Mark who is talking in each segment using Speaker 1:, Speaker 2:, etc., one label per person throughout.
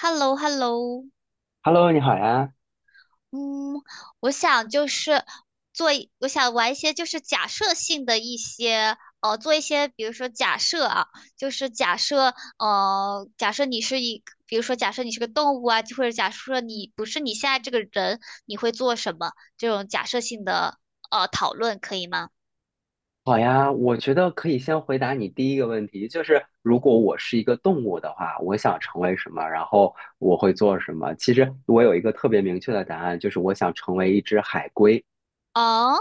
Speaker 1: Hello Hello
Speaker 2: Hello，你好呀，
Speaker 1: 嗯，我想就是我想玩一些就是假设性的一些，做一些，比如说假设啊，就是假设，假设你是一，比如说假设你是个动物啊，或者假设你不是你现在这个人，你会做什么？这种假设性的，讨论可以吗？
Speaker 2: 好呀，我觉得可以先回答你第一个问题，就是如果我是一个动物的话，我想成为什么，然后我会做什么。其实我有一个特别明确的答案，就是我想成为一只海龟。
Speaker 1: 哦，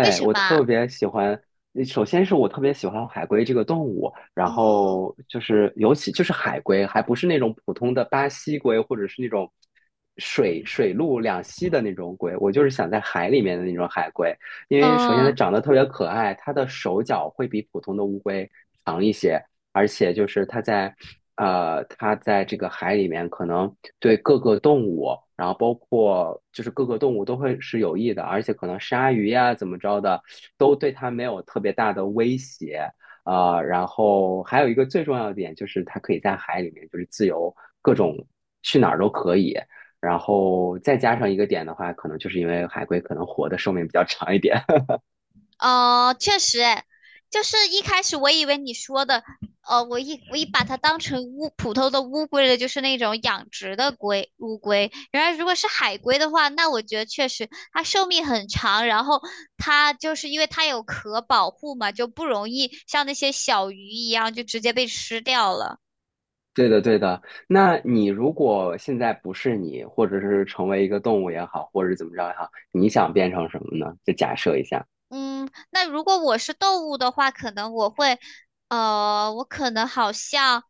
Speaker 1: 为什
Speaker 2: 我
Speaker 1: 么啊？
Speaker 2: 特别喜欢，首先是我特别喜欢海龟这个动物，然
Speaker 1: 嗯，
Speaker 2: 后就是尤其就是海龟，还不是那种普通的巴西龟或者是那种水陆两栖的那种龟，我就是想在海里面的那种海龟，因为首先它
Speaker 1: 嗯，
Speaker 2: 长得特别可爱，它的手脚会比普通的乌龟长一些，而且就是它在它在这个海里面可能对各个动物，然后包括就是各个动物都会是有益的，而且可能鲨鱼呀怎么着的都对它没有特别大的威胁。然后还有一个最重要的点就是它可以在海里面就是自由各种去哪儿都可以。然后再加上一个点的话，可能就是因为海龟可能活的寿命比较长一点，
Speaker 1: 确实，哎，就是一开始我以为你说的，我一把它当成普通的乌龟了，就是那种养殖的乌龟。原来如果是海龟的话，那我觉得确实它寿命很长，然后它就是因为它有壳保护嘛，就不容易像那些小鱼一样就直接被吃掉了。
Speaker 2: 对的，对的。那你如果现在不是你，或者是成为一个动物也好，或者是怎么着也好，你想变成什么呢？就假设一下
Speaker 1: 嗯，那如果我是动物的话，可能我会，我可能好像。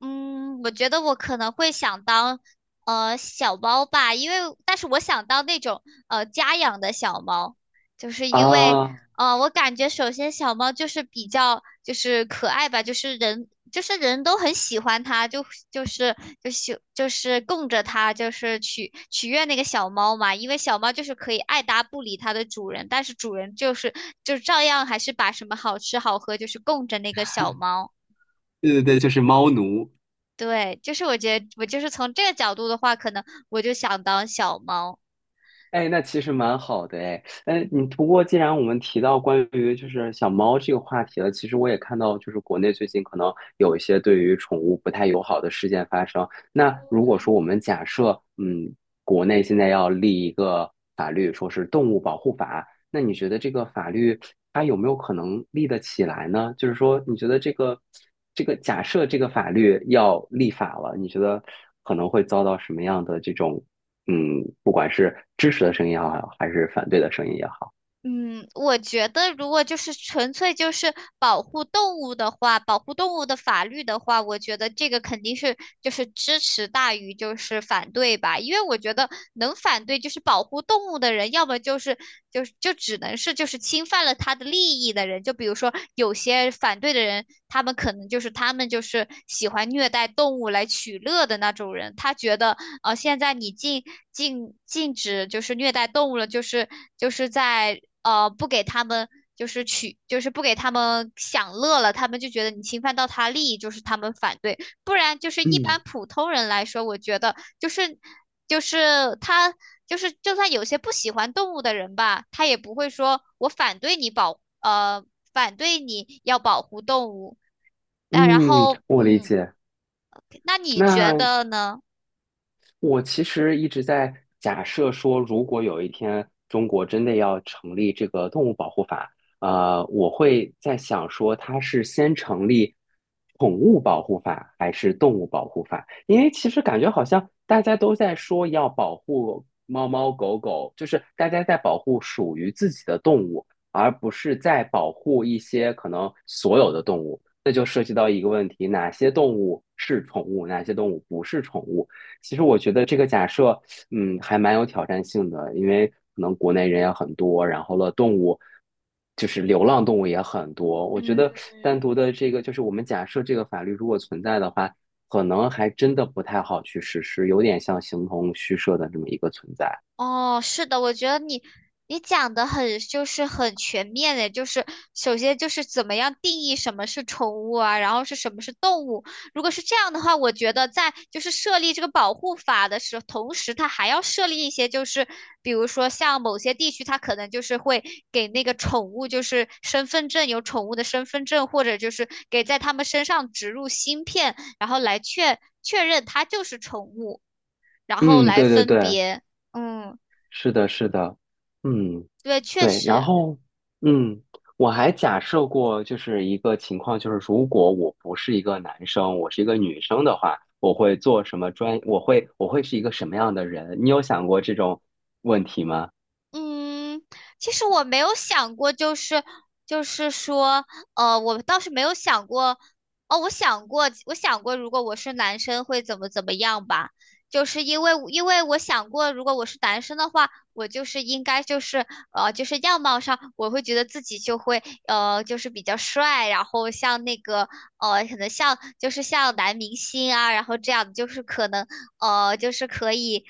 Speaker 1: 嗯，我觉得我可能会想当小猫吧，因为但是我想当那种家养的小猫，就是因为
Speaker 2: 啊，
Speaker 1: 我感觉首先小猫就是比较就是可爱吧，就是人都很喜欢它，就是就是供着它，就是取悦那个小猫嘛，因为小猫就是可以爱搭不理它的主人，但是主人就是就照样还是把什么好吃好喝就是供着那个小猫。
Speaker 2: 对对对，就是猫奴。
Speaker 1: 对，就是我觉得我就是从这个角度的话，可能我就想当小猫。
Speaker 2: 哎，那其实蛮好的哎，哎，你不过既然我们提到关于就是小猫这个话题了，其实我也看到就是国内最近可能有一些对于宠物不太友好的事件发生。那如果
Speaker 1: 嗯
Speaker 2: 说我们假设，嗯，国内现在要立一个法律，说是动物保护法，那你觉得这个法律它有没有可能立得起来呢？就是说，你觉得这个假设这个法律要立法了，你觉得可能会遭到什么样的这种嗯，不管是支持的声音也好，还是反对的声音也好，
Speaker 1: 嗯，我觉得如果就是纯粹就是保护动物的话，保护动物的法律的话，我觉得这个肯定是就是支持大于就是反对吧，因为我觉得能反对就是保护动物的人，要么就是就只能是就是侵犯了他的利益的人，就比如说有些反对的人，他们可能就是他们就是喜欢虐待动物来取乐的那种人，他觉得现在你禁止就是虐待动物了，就是就是在不给他们就是取就是不给他们享乐了，他们就觉得你侵犯到他利益，就是他们反对。不然就是一般
Speaker 2: 嗯
Speaker 1: 普通人来说，我觉得就是就是他就算有些不喜欢动物的人吧，他也不会说我反对你反对你要保护动物。但然
Speaker 2: 嗯，
Speaker 1: 后
Speaker 2: 我理
Speaker 1: 嗯，
Speaker 2: 解。
Speaker 1: 那你觉
Speaker 2: 那
Speaker 1: 得呢？
Speaker 2: 我其实一直在假设说，如果有一天中国真的要成立这个动物保护法，我会在想说，它是先成立宠物保护法还是动物保护法？因为其实感觉好像大家都在说要保护猫猫狗狗，就是大家在保护属于自己的动物，而不是在保护一些可能所有的动物。那就涉及到一个问题：哪些动物是宠物，哪些动物不是宠物？其实我觉得这个假设，嗯，还蛮有挑战性的，因为可能国内人也很多，然后了动物，就是流浪动物也很多。我觉
Speaker 1: 嗯，
Speaker 2: 得单独的这个，就是我们假设这个法律如果存在的话，可能还真的不太好去实施，有点像形同虚设的这么一个存在。
Speaker 1: 哦，是的，我觉得你讲的很就是很全面的，就是首先就是怎么样定义什么是宠物啊，然后是什么是动物。如果是这样的话，我觉得在就是设立这个保护法的时候，同时它还要设立一些就是比如说像某些地区，它可能就是会给那个宠物就是身份证有宠物的身份证，或者就是给在它们身上植入芯片，然后来确认它就是宠物。然后
Speaker 2: 嗯，
Speaker 1: 来
Speaker 2: 对对
Speaker 1: 分
Speaker 2: 对。
Speaker 1: 别。嗯，
Speaker 2: 是的，是的，嗯，
Speaker 1: 对，确
Speaker 2: 对，然
Speaker 1: 实，
Speaker 2: 后，嗯，我还假设过，就是一个情况，就是如果我不是一个男生，我是一个女生的话，我会做什么专，我会是一个什么样的人？你有想过这种问题吗？
Speaker 1: 嗯，其实我没有想过，就是就是说，我倒是没有想过，哦，我想过，我想过，如果我是男生会怎么样吧，就是因为我想过，如果我是男生的话，我就是应该就是就是样貌上，我会觉得自己就会就是比较帅，然后像那个可能像就是像男明星啊，然后这样就是可能就是可以。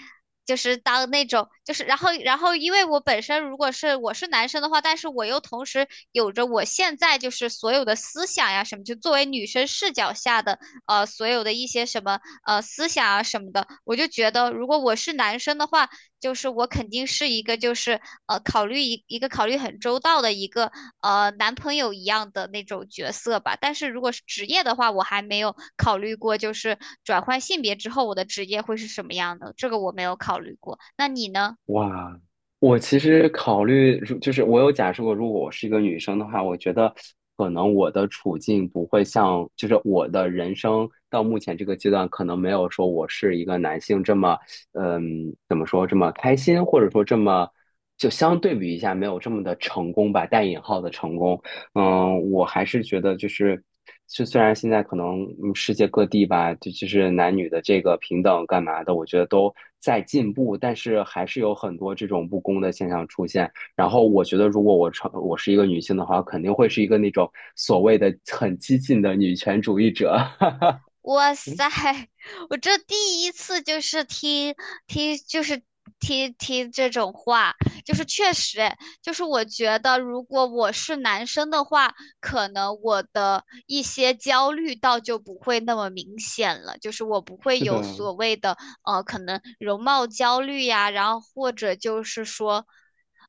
Speaker 1: 就是当那种，就是然后，因为我本身如果我是男生的话，但是我又同时有着我现在就是所有的思想呀什么，就作为女生视角下的所有的一些什么思想啊什么的，我就觉得如果我是男生的话。就是我肯定是一个就是呃考虑一一个考虑很周到的一个男朋友一样的那种角色吧。但是如果是职业的话，我还没有考虑过，就是转换性别之后我的职业会是什么样的，这个我没有考虑过。那你呢？
Speaker 2: 哇，我其实考虑，如就是我有假设过，如果我是一个女生的话，我觉得可能我的处境不会像，就是我的人生到目前这个阶段，可能没有说我是一个男性这么，嗯，怎么说这么开心，或者说这么，就相对比一下没有这么的成功吧，带引号的成功。嗯，我还是觉得就是，就虽然现在可能嗯世界各地吧，就是男女的这个平等干嘛的，我觉得都在进步，但是还是有很多这种不公的现象出现。然后我觉得，如果我成我是一个女性的话，肯定会是一个那种所谓的很激进的女权主义者。
Speaker 1: 哇
Speaker 2: 嗯，
Speaker 1: 塞，我这第一次就是听就是听这种话，就是确实诶，就是我觉得如果我是男生的话，可能我的一些焦虑倒就不会那么明显了，就是我不会
Speaker 2: 是
Speaker 1: 有
Speaker 2: 的，
Speaker 1: 所谓的可能容貌焦虑呀，然后或者就是说，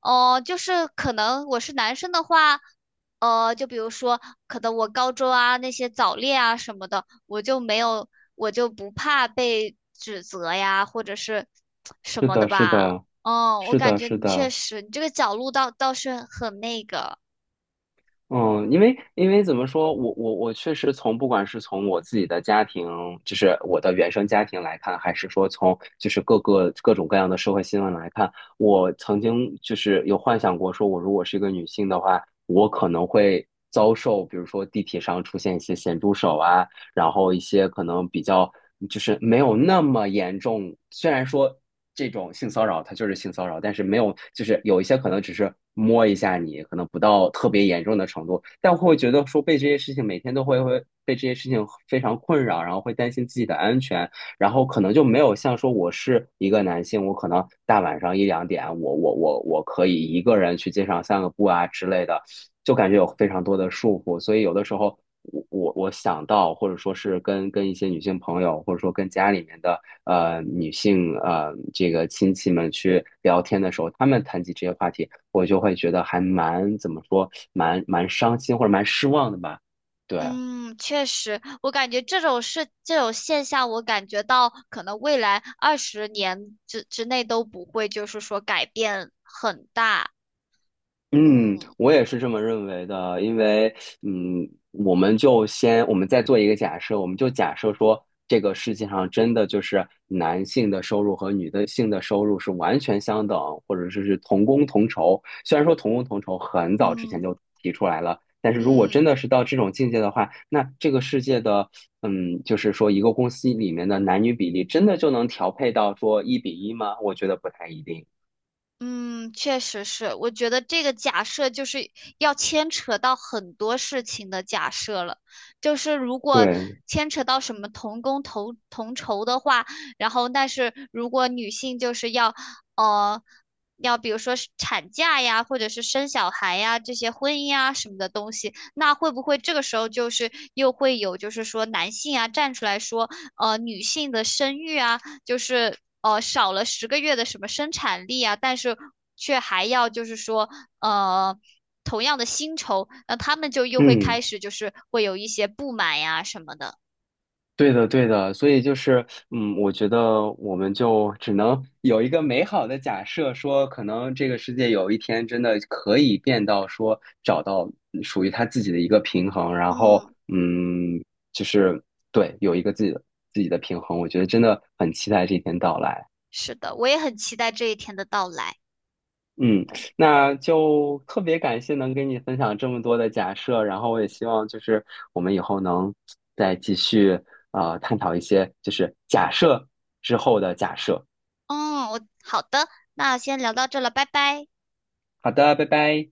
Speaker 1: 哦、就是可能我是男生的话。就比如说，可能我高中啊那些早恋啊什么的，我就没有，我就不怕被指责呀，或者是什
Speaker 2: 是
Speaker 1: 么的
Speaker 2: 的，是
Speaker 1: 吧。
Speaker 2: 的，
Speaker 1: 嗯，我
Speaker 2: 是
Speaker 1: 感
Speaker 2: 的，
Speaker 1: 觉
Speaker 2: 是
Speaker 1: 你确
Speaker 2: 的。
Speaker 1: 实，你这个角度倒是很那个。
Speaker 2: 嗯，因
Speaker 1: 嗯
Speaker 2: 为因为怎么说，我确实从不管是从我自己的家庭，就是我的原生家庭来看，还是说从就是各个各种各样的社会新闻来看，我曾经就是有幻想过，说我如果是一个女性的话，我可能会遭受，比如说地铁上出现一些咸猪手啊，然后一些可能比较就是没有那么严重，虽然说这种性骚扰它就是性骚扰，但是没有就是有一些可能只是摸一下你，可能不到特别严重的程度，但会觉得说被这些事情每天都会被这些事情非常困扰，然后会担心自己的安全，然后可能就没有像说我是一个男性，我可能大晚上一两点，我可以一个人去街上散个步啊之类的。就感觉有非常多的束缚，所以有的时候我想到，或者说是跟一些女性朋友，或者说跟家里面的女性这个亲戚们去聊天的时候，他们谈起这些话题，我就会觉得还蛮怎么说，蛮伤心或者蛮失望的吧，对。
Speaker 1: 嗯，确实，我感觉这种事、这种现象，我感觉到可能未来20年之内都不会，就是说改变很大。
Speaker 2: 嗯，
Speaker 1: 嗯
Speaker 2: 我也是这么认为的，因为，嗯，我们就先，我们再做一个假设，我们就假设说，这个世界上真的就是男性的收入和女的性的收入是完全相等，或者说是同工同酬。虽然说同工同酬很早之前
Speaker 1: 嗯。
Speaker 2: 就提出来了，但是如果
Speaker 1: 嗯。
Speaker 2: 真的是到这种境界的话，那这个世界的，嗯，就是说一个公司里面的男女比例真的就能调配到说一比一吗？我觉得不太一定。
Speaker 1: 嗯，确实是，我觉得这个假设就是要牵扯到很多事情的假设了。就是如果
Speaker 2: 对，
Speaker 1: 牵扯到什么同工同酬的话，然后但是如果女性就是呃要比如说是产假呀，或者是生小孩呀这些婚姻啊什么的东西，那会不会这个时候就是又会有就是说男性啊站出来说女性的生育啊？就是少了10个月的什么生产力啊，但是却还要就是说呃同样的薪酬，那他们就又会开
Speaker 2: 嗯。
Speaker 1: 始就是会有一些不满呀什么的。
Speaker 2: 对的，对的，所以就是，嗯，我觉得我们就只能有一个美好的假设，说可能这个世界有一天真的可以变到说找到嗯属于他自己的一个平衡，然后，
Speaker 1: 嗯，
Speaker 2: 嗯，就是对，有一个自己的自己的平衡，我觉得真的很期待这一天到来。
Speaker 1: 是的，我也很期待这一天的到来。
Speaker 2: 嗯，那就特别感谢能跟你分享这么多的假设，然后我也希望就是我们以后能再继续探讨一些就是假设之后的假设。
Speaker 1: 嗯，我好的，那先聊到这了，拜拜。
Speaker 2: 好的，拜拜。